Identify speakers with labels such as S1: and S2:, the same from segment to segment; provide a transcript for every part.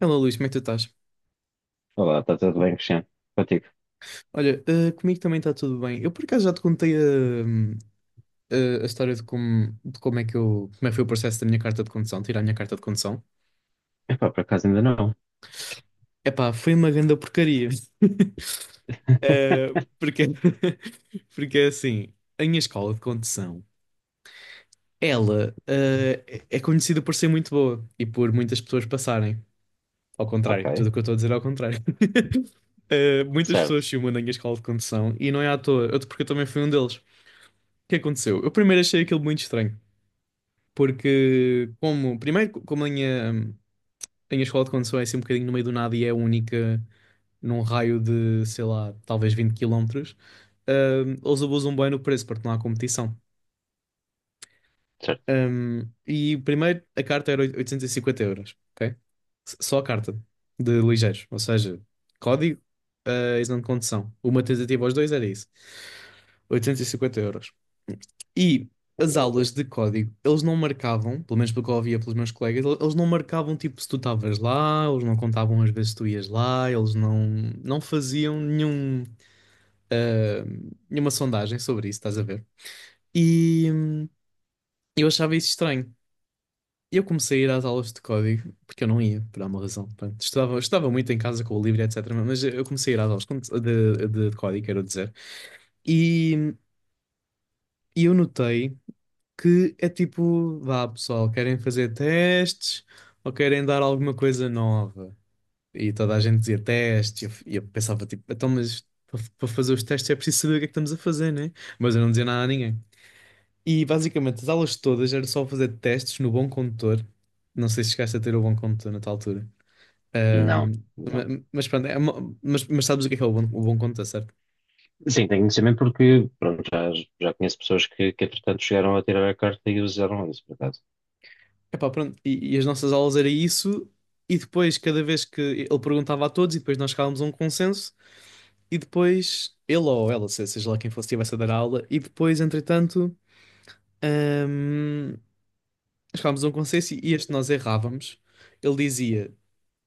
S1: Olá Luís, como é que tu estás?
S2: Olá, está tudo bem, Cristiano? Contigo?
S1: Olha, comigo também está tudo bem. Eu por acaso já te contei a história de como é que foi o processo da minha carta de condução, tirar a minha carta de condução.
S2: Epá, por acaso ainda não.
S1: Epá, foi uma grande porcaria. Eh, porque, porque é assim, a minha escola de condução, ela é conhecida por ser muito boa e por muitas pessoas passarem. Ao contrário, tudo
S2: Ok,
S1: o que eu estou a dizer é ao contrário. Muitas pessoas
S2: certo,
S1: filmam na minha escola de condução e não é à toa, porque eu também fui um deles. O que aconteceu? Eu primeiro achei aquilo muito estranho, porque como a minha escola de condução é assim um bocadinho no meio do nada e é única num raio de, sei lá, talvez 20 quilómetros. Eles abusam bem no preço porque não há competição.
S2: certo.
S1: E primeiro a carta era 850 euros, ok? Só a carta de ligeiros, ou seja, código, exame de condução. Uma tentativa aos dois era isso. 850 euros. E as aulas de código, eles não marcavam, pelo menos pelo que eu ouvia pelos meus colegas, eles não marcavam tipo se tu estavas lá, eles não contavam as vezes que tu ias lá, eles não, não faziam nenhum, ah, nenhuma sondagem sobre isso, estás a ver? E eu achava isso estranho. Eu comecei a ir às aulas de código, porque eu não ia, por alguma razão. Pronto, estudava, estudava muito em casa com o livro, etc. Mas eu comecei a ir às aulas de código, quero dizer. E, e eu notei que é tipo, vá pessoal, querem fazer testes ou querem dar alguma coisa nova? E toda a gente dizia testes, e eu pensava tipo, então, mas para fazer os testes é preciso saber o que é que estamos a fazer, né? Mas eu não dizia nada a ninguém. E basicamente as aulas todas era só fazer testes no bom condutor. Não sei se chegaste a ter o bom condutor na tal altura.
S2: Não,
S1: Ahm,
S2: não.
S1: mas pronto, mas sabes o que é o bom condutor, certo?
S2: Sim, tenho conhecimento porque, pronto, já conheço pessoas que entretanto chegaram a tirar a carta e usaram isso, por acaso.
S1: Epá, pronto, e as nossas aulas era isso, e depois, cada vez que ele perguntava a todos, e depois nós chegávamos a um consenso, e depois ele ou ela, seja lá quem fosse, estivesse a dar a aula, e depois, entretanto, hum, chegávamos a um consenso e este nós errávamos. Ele dizia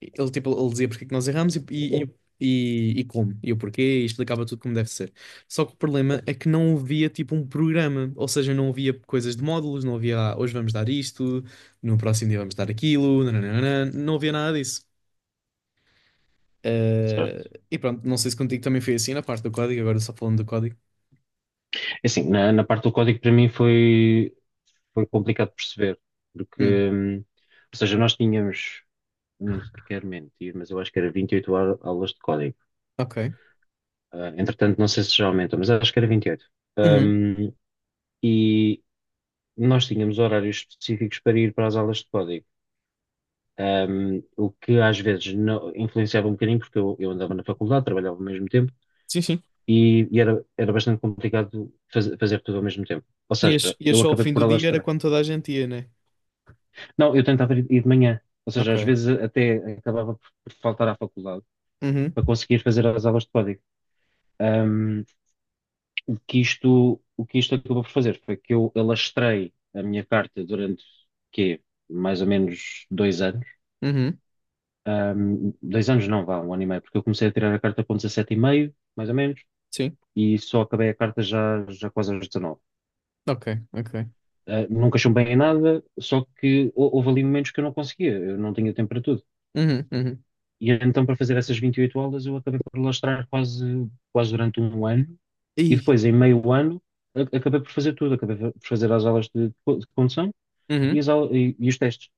S1: ele dizia porque é que nós erramos e como, e o porquê, e explicava tudo como deve ser. Só que o problema é que não havia tipo um programa, ou seja, não havia coisas de módulos, não havia "Ah, hoje vamos dar isto, no próximo dia vamos dar aquilo, nananana", não havia nada disso. Eh,
S2: Certo.
S1: e pronto, não sei se contigo também foi assim na parte do código, agora só falando do código.
S2: É assim, na parte do código para mim foi complicado de perceber, porque,
S1: Hum,
S2: ou seja, nós tínhamos, não quero mentir, mas eu acho que era 28 aulas de código.
S1: ok.
S2: Ah, entretanto, não sei se já aumentou, mas acho que era 28.
S1: Uhum.
S2: Hum, e nós tínhamos horários específicos para ir para as aulas de código. O que às vezes influenciava um bocadinho, porque eu andava na faculdade, trabalhava ao mesmo tempo
S1: Sim, sim.
S2: e era bastante complicado fazer tudo ao mesmo tempo. Ou seja,
S1: Ias
S2: eu
S1: só ao
S2: acabei
S1: fim
S2: por
S1: do dia, era
S2: alastrar.
S1: quando toda a gente ia, né?
S2: Não, eu tentava ir de manhã, ou seja, às
S1: Ok.
S2: vezes até acabava por faltar à faculdade
S1: Uhum,
S2: para conseguir fazer as aulas de código. Um, o que isto acabou por fazer foi que eu alastrei a minha carta durante, quê? Mais ou menos 2 anos.
S1: uhum,
S2: Dois anos não, vá, um ano e meio, porque eu comecei a tirar a carta com 17 e meio mais ou menos,
S1: sim.
S2: e só acabei a carta já, já quase aos 19.
S1: Ok, ok.
S2: Nunca chumbei em nada, só que houve ali momentos que eu não conseguia, eu não tinha tempo para tudo.
S1: Uhum, uhum.
S2: E então, para fazer essas 28 aulas, eu acabei por lastrar quase, quase durante um ano, e
S1: Ih.
S2: depois, em meio ano, acabei por fazer tudo, acabei por fazer as aulas de condução e,
S1: Uhum.
S2: as aulas, e os testes.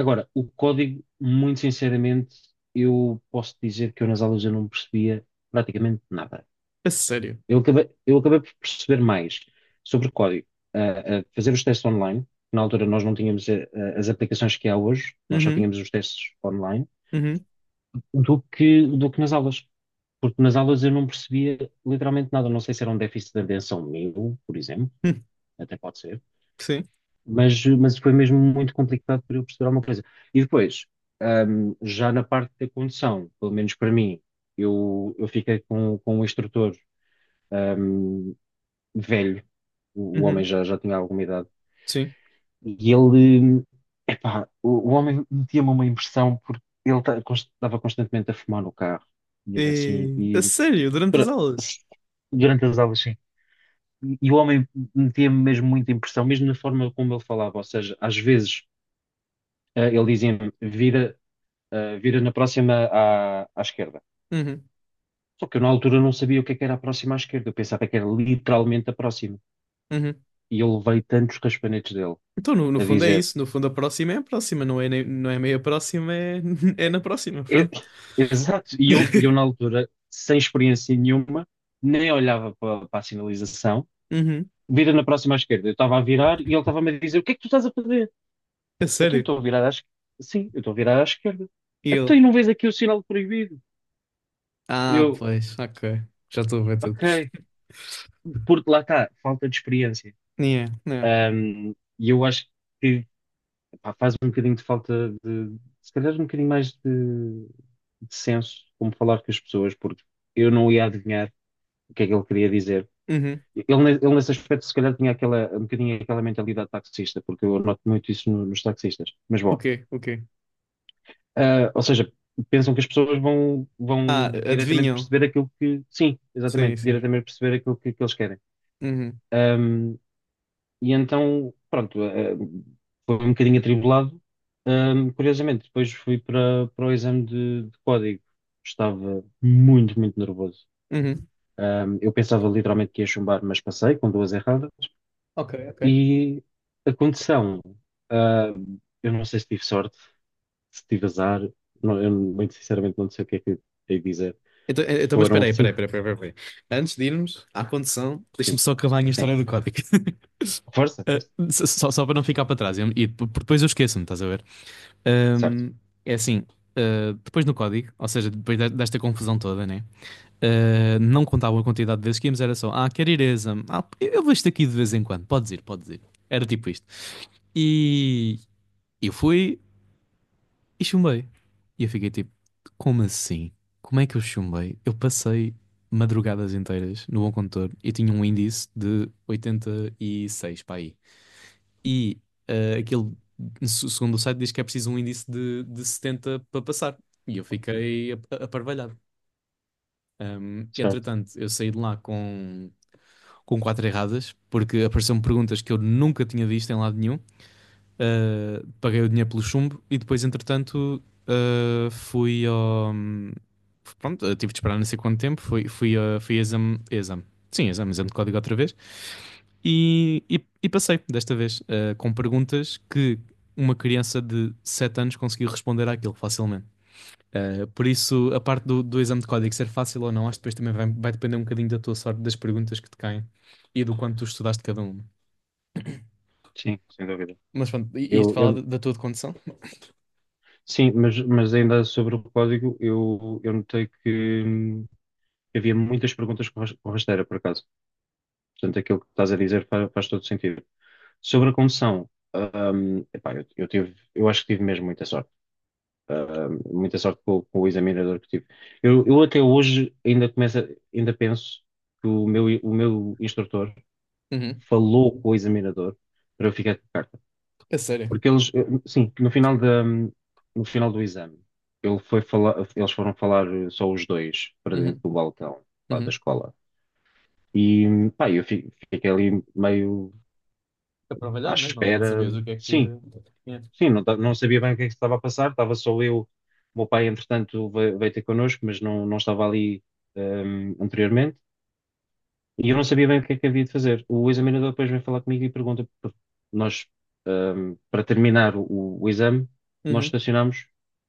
S2: Agora, o código, muito sinceramente, eu posso dizer que eu nas aulas eu não percebia praticamente nada.
S1: A sério?
S2: Eu acabei por perceber mais sobre código, a fazer os testes online. Na altura nós não tínhamos as aplicações que há hoje, nós só
S1: Uhum,
S2: tínhamos os testes online,
S1: uhum,
S2: do que nas aulas. Porque nas aulas eu não percebia literalmente nada. Não sei se era um déficit de atenção meu, por exemplo,
S1: hum,
S2: até pode ser.
S1: sim,
S2: Mas foi mesmo muito complicado para eu perceber alguma coisa. E depois, já na parte da condução, pelo menos para mim, eu fiquei com um instrutor, ahm, velho, o homem
S1: uhum,
S2: já tinha alguma idade,
S1: sim.
S2: e ele, epá, o homem metia-me uma impressão porque ele estava constantemente a fumar no carro, e assim,
S1: E... A
S2: e
S1: sério, durante as
S2: pra-
S1: aulas?
S2: durante as aulas, sim. E o homem metia-me mesmo muita impressão, mesmo na forma como ele falava, ou seja, às vezes ele dizia-me, vira, vira na próxima à esquerda.
S1: Uhum,
S2: Só que eu na altura não sabia o que é que era a próxima à esquerda, eu pensava que era literalmente a próxima.
S1: uhum.
S2: E eu levei tantos raspanetes dele
S1: Então, no
S2: a
S1: fundo é
S2: dizer,
S1: isso. No fundo, a próxima é a próxima, não é, não é meia próxima, é, é na próxima,
S2: "É- é,
S1: pronto.
S2: exato, e eu na altura, sem experiência nenhuma, nem olhava para a sinalização,
S1: Uhum,
S2: vira na próxima à esquerda. Eu estava a virar e ele estava-me a dizer, o que é que tu estás a fazer?
S1: a
S2: Então, eu
S1: sério?
S2: estou a virar à esquerda. Sim, eu estou a virar à esquerda.
S1: E ele?
S2: Então, e não vês aqui o sinal proibido?
S1: Ah,
S2: Eu,
S1: pois, ok. Já estou a ver tudo.
S2: ok, porque lá está, falta de experiência.
S1: Yeah, yeah.
S2: Um, e eu acho que pá, faz um bocadinho de falta de, se calhar, um bocadinho mais de senso como falar com as pessoas, porque eu não ia adivinhar o que é que ele queria dizer.
S1: Uhum.
S2: Ele nesse aspecto, se calhar, tinha aquela, um bocadinho aquela mentalidade taxista, porque eu noto muito isso nos taxistas. Mas
S1: O
S2: bom,
S1: quê? O quê?
S2: ou seja, pensam que as pessoas vão,
S1: Ah,
S2: vão diretamente
S1: adivinham?
S2: perceber aquilo que. Sim,
S1: Sim,
S2: exatamente,
S1: sim.
S2: diretamente perceber aquilo que eles querem.
S1: Uhum,
S2: E então, pronto, foi um bocadinho atribulado. Curiosamente, depois fui para o exame de código. Estava muito, muito nervoso.
S1: uhum.
S2: Eu pensava literalmente que ia chumbar, mas passei com duas erradas.
S1: Ok, ok.
S2: E a condição, ah, eu não sei se tive sorte, se tive azar, eu muito sinceramente não sei o que é que hei de dizer.
S1: Então, então, mas
S2: Foram
S1: espera aí, espera aí,
S2: cinco,
S1: espera aí, espera aí, espera aí. Antes de irmos à condição, deixa-me
S2: sim,
S1: só acabar a minha
S2: sim.
S1: história do código.
S2: Força,
S1: Eh,
S2: força.
S1: só para não ficar para trás. E depois eu esqueço-me, estás a ver?
S2: Certo.
S1: Ahm, É assim, depois no código, ou seja, desta confusão toda, né? Não contava a quantidade de vezes que íamos, era só, ah, quer ir a exame? Ah, eu vou isto aqui de vez em quando, podes ir, podes ir. Era tipo isto. E eu fui, e chumbei. E eu fiquei tipo, como assim? Como é que eu chumbei? Eu passei madrugadas inteiras no Bom Condutor e tinha um índice de 86 para aí. E ah, aquele,
S2: Uhum.
S1: segundo o site, diz que é preciso um índice de 70 para passar. E eu fiquei aparvalhado.
S2: Certo.
S1: Entretanto, eu saí de lá com quatro erradas, porque apareceram perguntas que eu nunca tinha visto em lado nenhum. Paguei o dinheiro pelo chumbo e depois, entretanto, fui ao. Pronto, eu tive de esperar não sei quanto tempo. Fui a exame, exame. Sim, exame, exame de código outra vez. E passei desta vez, com perguntas que uma criança de 7 anos conseguiu responder àquilo facilmente. Por isso, a parte do exame de código ser fácil ou não, acho que depois também vai depender um bocadinho da tua sorte, das perguntas que te caem e do quanto tu estudaste cada uma.
S2: Sim, sem dúvida.
S1: Mas pronto, isto
S2: Eu,
S1: fala
S2: eu,
S1: da tua condição?
S2: Sim, mas ainda sobre o código, eu notei que havia muitas perguntas com com rasteira, por acaso. Portanto, aquilo que estás a dizer faz todo sentido. Sobre a condução, epá, eu acho que tive mesmo muita sorte. Muita sorte com o examinador que tive. Eu até hoje ainda ainda penso que o meu instrutor
S1: Uhum.
S2: falou com o examinador para eu ficar com a carta.
S1: A sério.
S2: Porque eles, sim, no final do exame, ele foi falar, eles foram falar só os dois para dentro
S1: Uhum,
S2: do balcão lá da
S1: uhum.
S2: escola. E pá, eu fiquei ali meio
S1: Para
S2: à
S1: trabalhar mesmo, não
S2: espera.
S1: sabias o que é que
S2: Sim,
S1: tinha.
S2: sim, não, não sabia bem o que é que se estava a passar, estava só eu. O meu pai, entretanto, veio ter connosco, mas não, não estava ali, anteriormente. E eu não sabia bem o que é que havia de fazer. O examinador depois vem falar comigo e pergunta, nós, para terminar o exame, nós
S1: Uhum.
S2: estacionámos,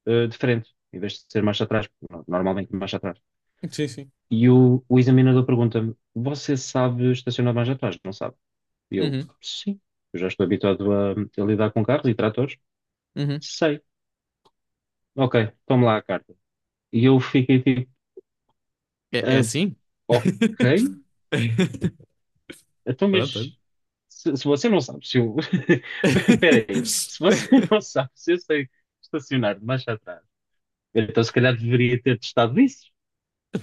S2: de frente, em vez de ser marcha atrás, normalmente marcha atrás.
S1: Sim, sim.
S2: E o examinador pergunta-me, você sabe estacionar mais atrás? Não sabe? E eu,
S1: Uhum,
S2: sim, eu já estou habituado a lidar com carros e tratores.
S1: uhum.
S2: Sei. Ok, tome lá a carta. E eu fiquei tipo,
S1: É, é
S2: ah,
S1: assim?
S2: ok, então,
S1: Pronto. Olha.
S2: mas se você não sabe, se eu. Espera aí. Se você não sabe, se eu sei estacionar de marcha atrás, então se calhar deveria ter testado isso.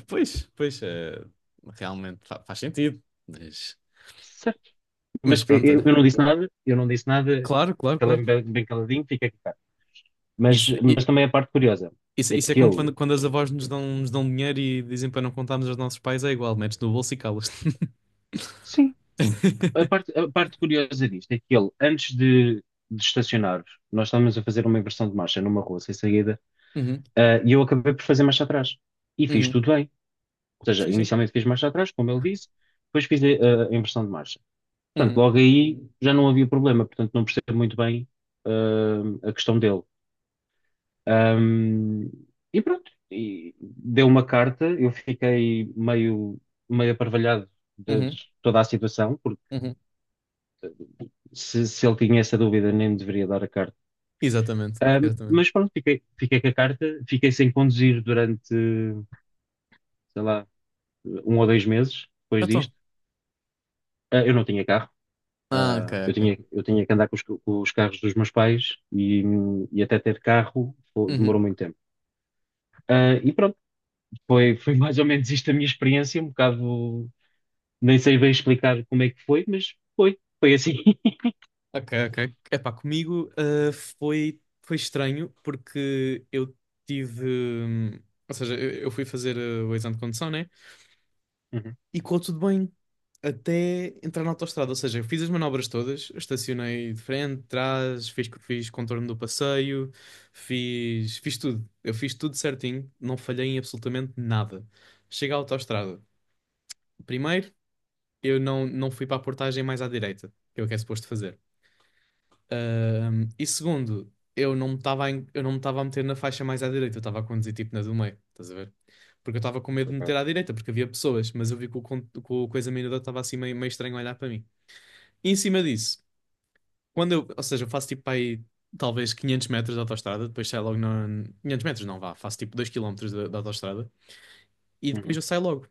S1: Pois, pois, realmente faz sentido. Mas,
S2: Certo?
S1: mas
S2: Mas
S1: pronto,
S2: eu,
S1: olha.
S2: eu não disse nada, eu não disse nada,
S1: Claro, claro, claro.
S2: calei-me bem, bem caladinho, fica aqui. Mas,
S1: Isso,
S2: mas
S1: i-
S2: também a parte curiosa
S1: isso,
S2: é
S1: isso é
S2: que
S1: como
S2: ele.
S1: quando as avós nos dão dinheiro e dizem para não contarmos aos nossos pais, é igual, metes no bolso e calas-te.
S2: Sim, a parte, a parte curiosa disto é que ele, antes de estacionar, nós estávamos a fazer uma inversão de marcha numa rua sem saída,
S1: Uhum,
S2: e eu acabei por fazer marcha atrás. E fiz
S1: uhum.
S2: tudo bem. Ou seja,
S1: Sim, sim.
S2: inicialmente fiz marcha atrás, como ele disse, depois fiz a inversão de marcha. Portanto,
S1: Uhum,
S2: logo aí já não havia problema, portanto não percebo muito bem a questão dele. Ahm, e pronto, e deu uma carta, eu fiquei meio, meio aparvalhado de
S1: uhum,
S2: toda a situação, porque
S1: uhum.
S2: se ele tinha essa dúvida nem me deveria dar a carta.
S1: Exatamente,
S2: Ahm,
S1: exatamente.
S2: mas pronto, fiquei, fiquei com a carta, fiquei sem conduzir durante, sei lá, um ou dois meses depois
S1: Então.
S2: disto. Eu não tinha carro.
S1: Ah, ok,
S2: Eu
S1: ok.
S2: tinha, eu tinha que andar com os carros dos meus pais e até ter carro
S1: Uhum.
S2: demorou muito tempo. E pronto, foi mais ou menos isto a minha experiência, um bocado, nem sei bem explicar como é que foi, mas foi assim.
S1: Ok, ok. Epá, comigo foi estranho porque eu tive. Ou seja, eu fui fazer o exame de condução, né?
S2: Uhum,
S1: E correu tudo bem até entrar na autoestrada. Ou seja, eu fiz as manobras todas, estacionei de frente, de trás, fiz contorno do passeio, fiz tudo. Eu fiz tudo certinho, não falhei em absolutamente nada. Cheguei à autoestrada. Primeiro, eu não fui para a portagem mais à direita, que é o que é suposto fazer. E segundo, eu não me estava a meter na faixa mais à direita, eu estava a conduzir tipo na do meio, estás a ver? Porque eu estava com medo de me meter
S2: ok,
S1: à direita, porque havia pessoas, mas eu vi que o coisa menuda estava assim meio, meio estranho a olhar para mim. E em cima disso, ou seja, eu faço tipo para aí talvez 500 metros de autoestrada, depois saio logo na. 500 metros não vá, faço tipo 2 km da autoestrada e depois
S2: uhum,
S1: eu saio logo.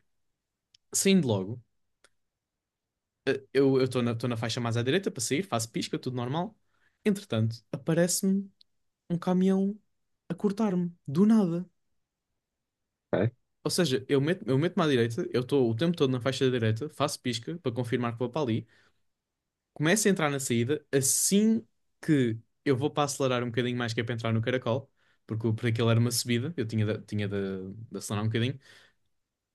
S1: Saindo logo. Tô na faixa mais à direita para sair, faço pisca, tudo normal. Entretanto, aparece-me um caminhão a cortar-me, do nada.
S2: ok,
S1: Ou seja, eu meto-me à direita, eu estou o tempo todo na faixa da direita, faço pisca para confirmar que vou para ali, começo a entrar na saída, assim que eu vou para acelerar um bocadinho mais que é para entrar no caracol, porque, porque aquilo era uma subida, eu tinha de acelerar um bocadinho.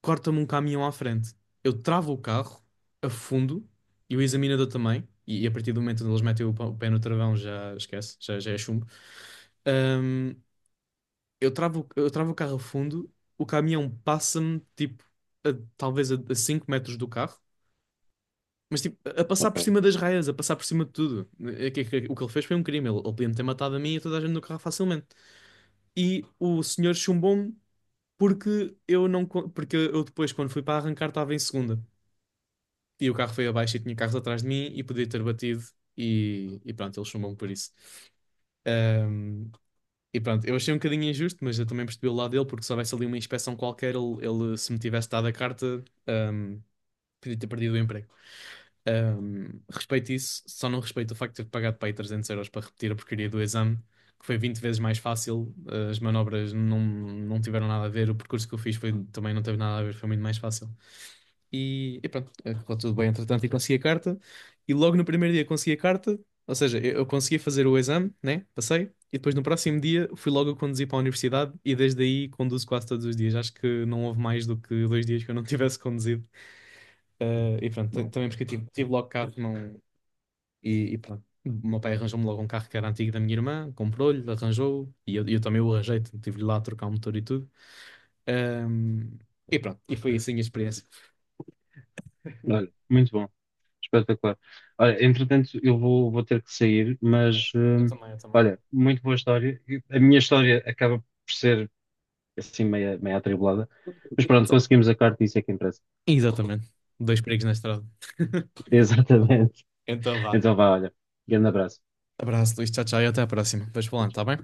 S1: Corta-me um caminhão à frente. Eu travo o carro, afundo, e o examinador também, e a partir do momento onde eles metem o pé no travão já esquece, já é chumbo. Ahm, eu travo o carro a fundo, o caminhão passa-me, tipo, a- talvez a 5 metros do carro, mas tipo, a passar por
S2: ok,
S1: cima das raias, a passar por cima de tudo. O que ele fez foi um crime, ele podia-me ter matado a mim e a toda a gente no carro facilmente. E o senhor chumbou-me porque eu não, co- porque eu depois, quando fui para arrancar, estava em segunda. E o carro foi abaixo e tinha carros atrás de mim e podia ter batido. E pronto, ele chumbou-me por isso. Ahm, e pronto, eu achei um bocadinho injusto, mas eu também percebi o lado dele, porque se houvesse ali uma inspeção qualquer, ele, se me tivesse dado a carta, podia ter perdido o emprego. Respeito isso, só não respeito o facto de ter pagado para aí 300 € para repetir a porcaria do exame, que foi 20 vezes mais fácil. As manobras não tiveram nada a ver, o percurso que eu fiz foi, também não teve nada a ver, foi muito mais fácil. E pronto, correu tudo bem, entretanto, e consegui a carta. E logo no primeiro dia consegui a carta, ou seja, eu consegui fazer o exame, né? Passei. E depois no próximo dia fui logo a conduzir para a universidade e desde aí conduzo quase todos os dias. Acho que não houve mais do que 2 dias que eu não tivesse conduzido. E pronto,
S2: bom.
S1: também porque eu tive logo carro, não... e pronto. O meu pai arranjou-me logo um carro que era antigo da minha irmã, comprou-lhe, arranjou, e eu também o arranjei, tive-lhe lá a trocar o motor e tudo. Ahm, e pronto, e foi assim a experiência.
S2: Olha, muito bom, espetacular. Olha, entretanto, eu vou ter que sair,
S1: Yeah.
S2: mas
S1: Eu também, eu também.
S2: olha, muito boa história. E a minha história acaba por ser assim meia, meia atribulada, mas pronto, conseguimos a carta e isso é que interessa.
S1: Exatamente. Dois perigos na estrada.
S2: Exatamente.
S1: Então vá.
S2: Então vá, olha. Grande abraço.
S1: Abraço, Luís. Tchau, tchau e até a próxima. Depois
S2: Tchau,
S1: falando, tá bem?
S2: tchau.